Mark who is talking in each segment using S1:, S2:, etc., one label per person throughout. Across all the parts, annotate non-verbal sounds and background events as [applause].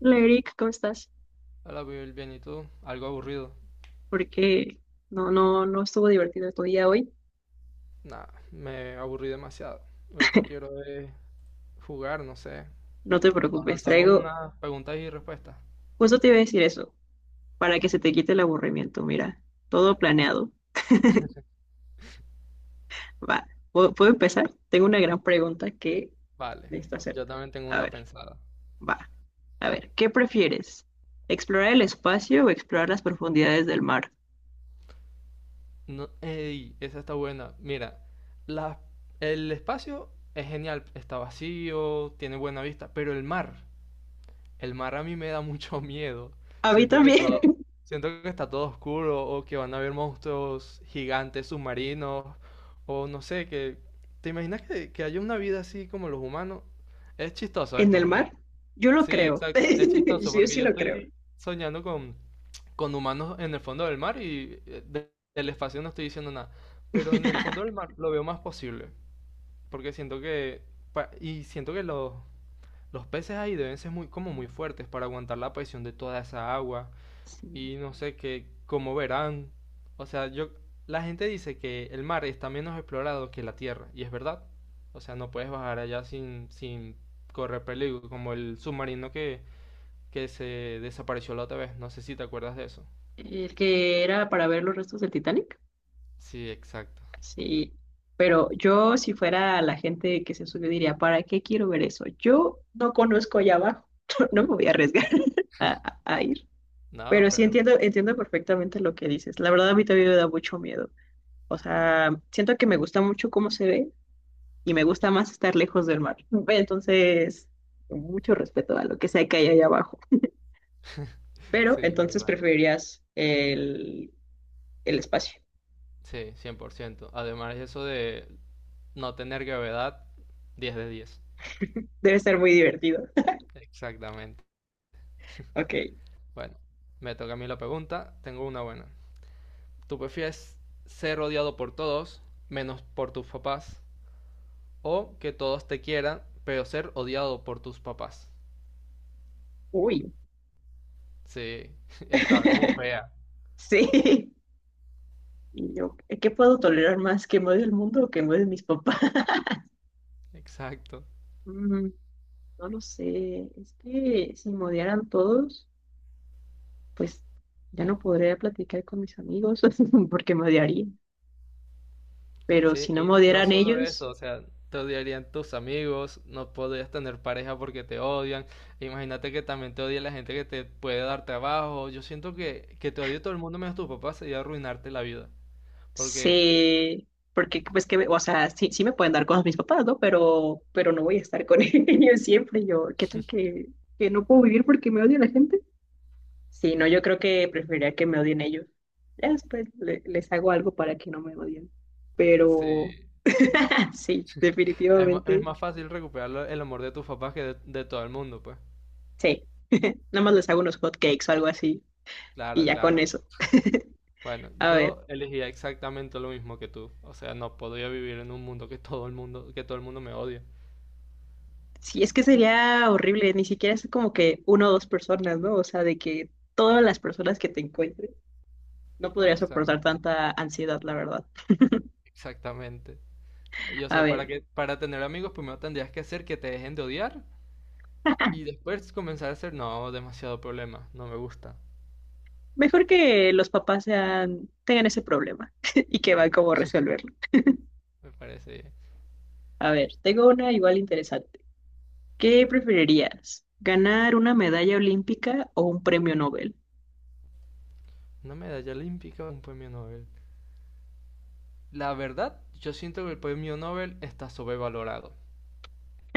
S1: Hola Eric, ¿cómo estás?
S2: Hola, Will, bien, ¿y tú? Algo aburrido.
S1: Porque no estuvo divertido tu día hoy.
S2: Nah, me aburrí demasiado. Ahorita quiero jugar, no sé.
S1: No te
S2: Nos
S1: preocupes,
S2: lanzamos
S1: traigo,
S2: unas preguntas y respuestas.
S1: justo te iba a decir eso, para que se te quite el aburrimiento. Mira, todo planeado. Va, ¿puedo empezar? Tengo una gran pregunta que
S2: Vale,
S1: necesito
S2: yo
S1: hacerte.
S2: también tengo
S1: A
S2: una
S1: ver,
S2: pensada.
S1: va, a ver, ¿qué prefieres? ¿Explorar el espacio o explorar las profundidades del mar?
S2: No, ey, esa está buena. Mira, la- el espacio es genial, está vacío, tiene buena vista, pero el mar, el mar a mí me da mucho [laughs] miedo.
S1: A mí
S2: Siento que
S1: también,
S2: todo, siento que está todo oscuro o que van a haber monstruos gigantes submarinos o no sé, que ¿te imaginas que haya una vida así como los humanos? Es
S1: [laughs]
S2: chistoso
S1: en
S2: esto
S1: el
S2: porque
S1: mar, yo lo
S2: sí,
S1: creo.
S2: exacto, es
S1: [laughs]
S2: chistoso
S1: Yo
S2: porque
S1: sí
S2: yo
S1: lo creo.
S2: estoy soñando con humanos en el fondo del mar y del espacio no estoy diciendo nada, pero en el fondo del
S1: [laughs]
S2: mar lo veo más posible porque siento que y siento que los peces ahí deben ser muy, como muy fuertes para aguantar la presión de toda esa agua.
S1: Sí.
S2: Y no sé qué, cómo verán. O sea, yo, la gente dice que el mar está menos explorado que la tierra. Y es verdad. O sea, no puedes bajar allá sin correr peligro. Como el submarino que se desapareció la otra vez. No sé si te acuerdas de eso.
S1: El que era para ver los restos del Titanic.
S2: Sí, exacto.
S1: Sí, pero yo si fuera la gente que se subió diría, ¿para qué quiero ver eso? Yo no conozco allá abajo, [laughs] no me voy a arriesgar [laughs] a, a ir.
S2: No,
S1: Pero sí
S2: pero
S1: entiendo, entiendo perfectamente lo que dices. La verdad a mí también me da mucho miedo. O sea, siento que me gusta mucho cómo se ve y me gusta más estar lejos del mar. [laughs] Entonces, mucho respeto a lo que sea que hay allá abajo.
S2: [laughs]
S1: Pero
S2: sí, yo
S1: entonces
S2: igual.
S1: preferirías el espacio.
S2: Sí, 100%. Además, eso de no tener gravedad, 10 de 10.
S1: Debe ser muy divertido.
S2: Exactamente.
S1: [laughs] Ok.
S2: Bueno, me toca a mí la pregunta. Tengo una buena. ¿Tú prefieres ser odiado por todos, menos por tus papás? ¿O que todos te quieran, pero ser odiado por tus papás?
S1: Uy.
S2: Sí, [laughs] está como
S1: [laughs]
S2: fea.
S1: Sí. Y yo, ¿qué puedo tolerar más? ¿Que me odie el mundo o que me odien mis papás? [laughs]
S2: Exacto.
S1: Mm, no lo sé. Es que si me odiaran todos, pues ya no podría platicar con mis amigos [laughs] porque me odiarían. Pero
S2: Sí,
S1: si no me
S2: y no
S1: odiaran
S2: solo
S1: ellos,
S2: eso, o sea, te odiarían tus amigos, no podrías tener pareja porque te odian. Imagínate que también te odia la gente que te puede dar trabajo. Yo siento que te odie todo el mundo menos tus papás sería arruinarte la vida. Porque,
S1: sé. Porque, pues que, o sea, sí, sí me pueden dar cosas mis papás, ¿no? Pero no voy a estar con [laughs] ellos siempre. Yo, ¿qué tal que no puedo vivir porque me odia la gente? Sí, no, yo creo que preferiría que me odien ellos. Ya después les hago algo para que no me odien. Pero
S2: sí,
S1: [laughs] sí,
S2: es, es
S1: definitivamente.
S2: más fácil recuperar el amor de tus papás que de todo el mundo, pues.
S1: Sí, nada más les hago unos hot cakes o algo así y
S2: Claro,
S1: ya con
S2: claro.
S1: eso. [laughs]
S2: Bueno,
S1: A ver,
S2: yo elegía exactamente lo mismo que tú. O sea, no podría vivir en un mundo que todo el mundo, que todo el mundo me odia.
S1: sí, es que sería horrible, ni siquiera es como que una o dos personas, ¿no? O sea, de que todas las personas que te encuentres, no podría soportar
S2: Exacto,
S1: tanta ansiedad, la verdad.
S2: exactamente. Y o
S1: A
S2: sea,
S1: ver,
S2: para tener amigos, primero tendrías que hacer que te dejen de odiar y
S1: [laughs]
S2: después comenzar a hacer, no, demasiado problema, no me gusta.
S1: mejor que los papás sean, tengan ese problema [laughs] y que van
S2: Sí,
S1: cómo resolverlo.
S2: me parece bien.
S1: A ver, tengo una igual interesante. ¿Qué preferirías? ¿Ganar una medalla olímpica o un premio Nobel?
S2: Una medalla olímpica, un premio Nobel. La verdad, yo siento que el premio Nobel está sobrevalorado.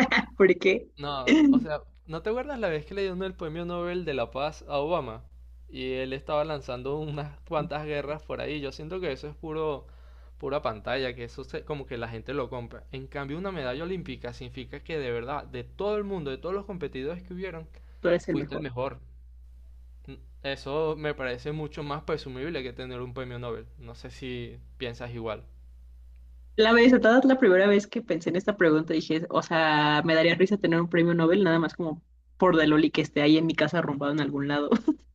S1: [laughs] ¿Por qué?
S2: No, o
S1: [laughs]
S2: sea, ¿no te acuerdas la vez que le dieron el premio Nobel de la Paz a Obama? Y él estaba lanzando unas cuantas guerras por ahí. Yo siento que eso es puro, pura pantalla, que como que la gente lo compra. En cambio, una medalla olímpica significa que de verdad, de todo el mundo, de todos los competidores que hubieron,
S1: tú eres el
S2: fuiste el
S1: mejor.
S2: mejor. Eso me parece mucho más presumible que tener un premio Nobel. No sé si piensas igual.
S1: La verdad, la primera vez que pensé en esta pregunta dije, o sea, me daría risa tener un premio Nobel nada más como por de loli que esté ahí en mi casa arrumbado en algún lado. [laughs]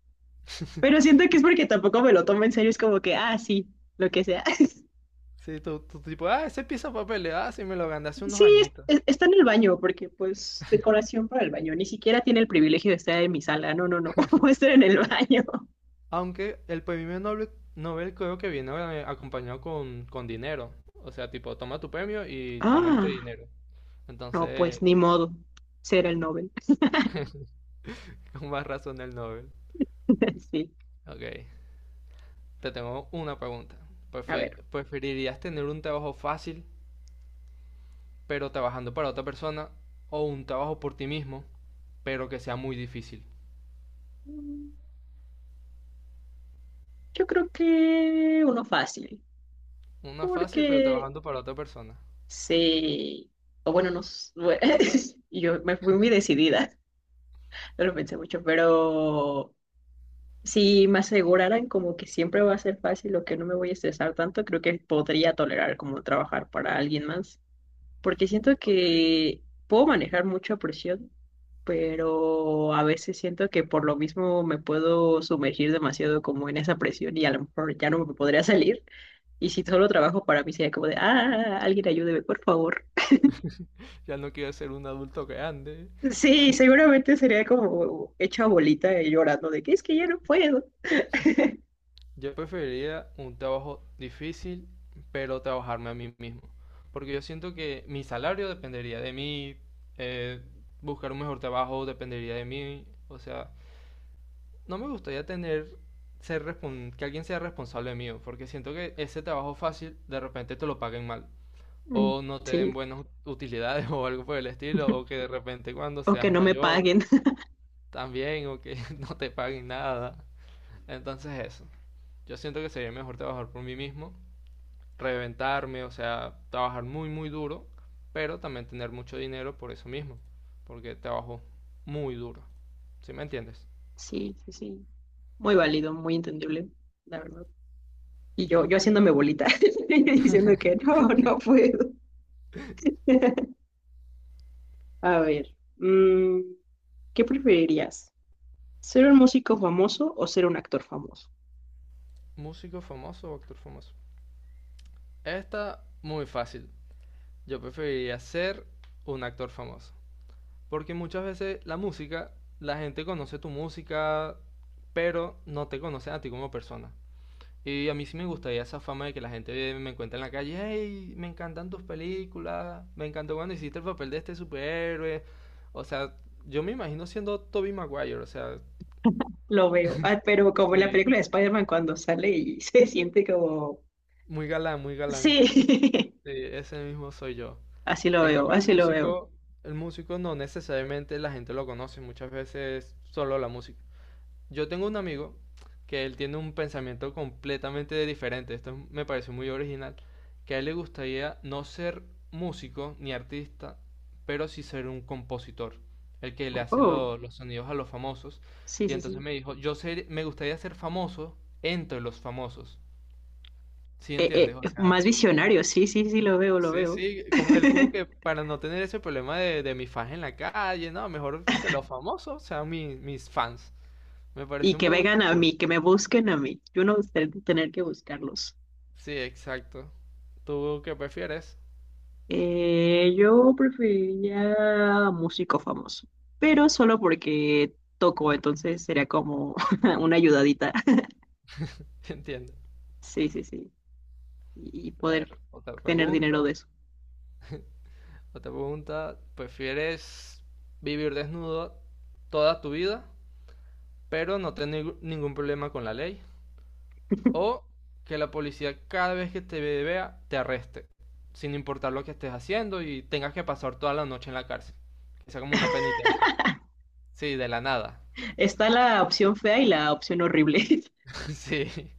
S1: Pero
S2: [laughs]
S1: siento que es porque tampoco me lo tomo en serio, es como que, ah, sí, lo que sea. [laughs]
S2: Sí, tú tipo, ah, ese pieza de papel, ah, sí me lo gané hace unos
S1: Sí,
S2: añitos.
S1: está en el baño, porque pues decoración para el baño, ni siquiera tiene el privilegio de estar en mi sala, no, no, no, [laughs] va a estar en el baño.
S2: Aunque el premio Nobel, Nobel creo que viene bueno, acompañado con dinero. O sea, tipo, toma tu premio y toma este
S1: Ah,
S2: dinero.
S1: no, pues
S2: Entonces,
S1: ni modo. Ser el Nobel.
S2: [laughs] con más razón el Nobel.
S1: [laughs] Sí.
S2: Ok, te tengo una pregunta.
S1: A ver.
S2: ¿Preferirías tener un trabajo fácil, pero trabajando para otra persona, o un trabajo por ti mismo, pero que sea muy difícil?
S1: Mm, yo creo que uno fácil.
S2: Una fácil, pero
S1: Porque
S2: trabajando para otra persona.
S1: sí. O bueno, no. [laughs] Yo me fui muy decidida. No lo pensé mucho. Pero si me aseguraran como que siempre va a ser fácil o que no me voy a estresar tanto, creo que podría tolerar como trabajar para alguien más. Porque siento
S2: Ok,
S1: que puedo manejar mucha presión, pero a veces siento que por lo mismo me puedo sumergir demasiado como en esa presión y a lo mejor ya no me podría salir. Y si solo trabajo para mí sería como de, ah, alguien ayúdeme, por favor.
S2: ya no quiero ser un adulto grande.
S1: Sí, seguramente sería como hecha bolita y llorando de que es que ya no puedo.
S2: Yo preferiría un trabajo difícil, pero trabajarme a mí mismo. Porque yo siento que mi salario dependería de mí, eh, buscar un mejor trabajo dependería de mí. O sea, no me gustaría tener, que alguien sea responsable mío, porque siento que ese trabajo fácil de repente te lo paguen mal.
S1: Mm,
S2: O no te
S1: sí,
S2: den buenas utilidades [laughs] o algo por el estilo, o que de repente cuando
S1: o que
S2: seas
S1: no me
S2: mayor
S1: paguen. [laughs]
S2: también, o que [laughs] no te paguen nada. Entonces eso, yo siento que sería mejor trabajar por mí mismo reventarme, o sea, trabajar muy, muy duro, pero también tener mucho dinero por eso mismo, porque trabajo muy duro. ¿Sí me entiendes?
S1: Sí, sí, sí. Muy válido, muy entendible, la verdad. Y yo
S2: Okay.
S1: haciéndome bolita [laughs] y diciendo que no, no puedo. [laughs] A ver, ¿qué preferirías? ¿Ser un músico famoso o ser un actor famoso?
S2: ¿Músico famoso o actor famoso? Esta, muy fácil. Yo preferiría ser un actor famoso, porque muchas veces la música, la gente conoce tu música, pero no te conocen a ti como persona. Y a mí sí me gustaría esa fama de que la gente me encuentra en la calle, hey, me encantan tus películas, me encantó cuando hiciste el papel de este superhéroe. O sea, yo me imagino siendo Tobey Maguire, o sea,
S1: Lo veo. Ah, pero como en la
S2: sí,
S1: película de Spider-Man cuando sale y [laughs] se siente como...
S2: muy galán, muy galán.
S1: Sí,
S2: Sí, ese mismo soy yo.
S1: [laughs] así lo
S2: En
S1: veo,
S2: cambio,
S1: así lo veo.
S2: el músico no necesariamente la gente lo conoce, muchas veces solo la música. Yo tengo un amigo que él tiene un pensamiento completamente diferente, esto me pareció muy original, que a él le gustaría no ser músico ni artista, pero sí ser un compositor, el que le hace
S1: Oh,
S2: los sonidos a los famosos.
S1: sí,
S2: Y
S1: sí,
S2: entonces
S1: sí.
S2: me dijo, yo me gustaría ser famoso entre los famosos. ¿Sí entiendes? O sea,
S1: Más visionario, sí, sí, sí, lo veo, lo
S2: sí,
S1: veo.
S2: sí, como él como que
S1: [laughs]
S2: para no tener ese problema de mi fans en la calle, no, mejor que los famosos sean mis fans. Me
S1: Y
S2: pareció
S1: que
S2: muy
S1: vengan a
S2: cool.
S1: mí, que me busquen a mí. Yo no tener que buscarlos.
S2: Sí, exacto. ¿Tú qué prefieres?
S1: Yo preferiría músico famoso, pero solo porque toco, entonces sería como [laughs] una ayudadita. [laughs]
S2: [laughs] Entiendo.
S1: Sí, sí, sí. Y
S2: A
S1: poder
S2: ver, otra
S1: tener dinero
S2: pregunta.
S1: de eso.
S2: Otra pregunta. ¿Prefieres vivir desnudo toda tu vida, pero no tener ningún problema con la ley? ¿O que la policía cada vez que te vea te arreste, sin importar lo que estés haciendo y tengas que pasar toda la noche en la cárcel? Que sea como una penitencia. Sí, de la nada.
S1: Está la opción fea y la opción horrible. [laughs]
S2: [laughs] Sí.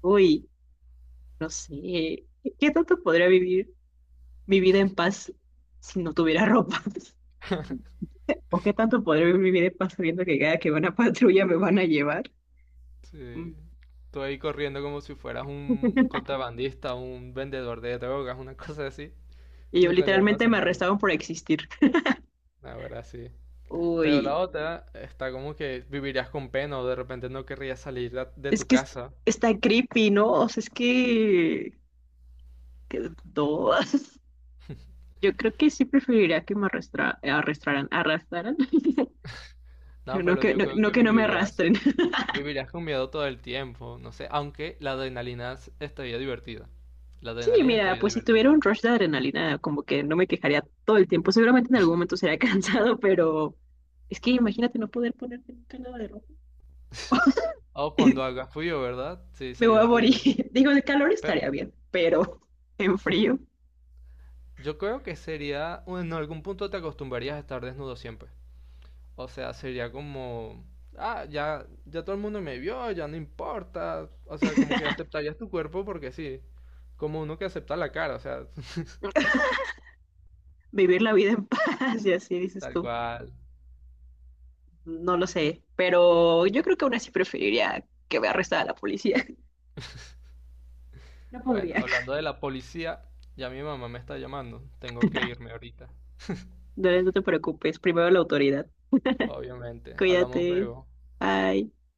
S1: Uy, no sé. ¿Qué tanto podría vivir mi vida en paz si no tuviera ropa? [laughs] ¿O qué tanto podría vivir mi vida en paz sabiendo que cada que van a [laughs] patrulla me van a llevar?
S2: Sí.
S1: Mm.
S2: Tú ahí corriendo como si fueras un contrabandista, un vendedor de drogas, una cosa así.
S1: Y
S2: Y
S1: yo
S2: en realidad no
S1: literalmente me
S2: haces nada.
S1: arrestaban por existir.
S2: Ahora sí. Pero la
S1: Uy,
S2: otra está como que vivirías con pena o de repente no querrías salir de
S1: es
S2: tu
S1: que
S2: casa.
S1: está creepy, ¿no? O sea, es que no. [laughs] Yo creo que sí preferiría que me arrastraran, arrastraran. [laughs]
S2: No,
S1: No
S2: pero
S1: que
S2: yo
S1: no,
S2: creo
S1: no
S2: que
S1: que no me
S2: vivirías,
S1: arrastren. [laughs]
S2: vivirías con miedo todo el tiempo. No sé, aunque la adrenalina estaría divertida. La
S1: Sí,
S2: adrenalina
S1: mira,
S2: estaría
S1: pues si tuviera
S2: divertida.
S1: un rush de adrenalina, como que no me quejaría todo el tiempo. Seguramente en algún momento sería [laughs] cansado, pero es que imagínate no poder ponerte nunca nada de ropa.
S2: [laughs] O cuando
S1: [laughs]
S2: haga frío, ¿verdad? Sí,
S1: Me voy
S2: sería
S1: a morir.
S2: horrible.
S1: [laughs] Digo, de calor estaría bien, pero en frío,
S2: Yo creo que sería, bueno, en algún punto te acostumbrarías a estar desnudo siempre. O sea, sería como, ah, ya, ya todo el mundo me vio, ya no importa. O sea, como que aceptarías tu cuerpo porque sí, como uno que acepta la cara, o sea, [laughs]
S1: vivir la vida en [laughs] paz y así dices
S2: tal
S1: tú.
S2: cual.
S1: No lo sé, pero yo creo que aún así preferiría que me arrestara la policía. [laughs] No
S2: Bueno,
S1: podría.
S2: hablando de la policía, ya mi mamá me está llamando, tengo que irme ahorita.
S1: No, no te preocupes, primero la autoridad.
S2: Obviamente, hablamos
S1: Cuídate.
S2: luego.
S1: Bye.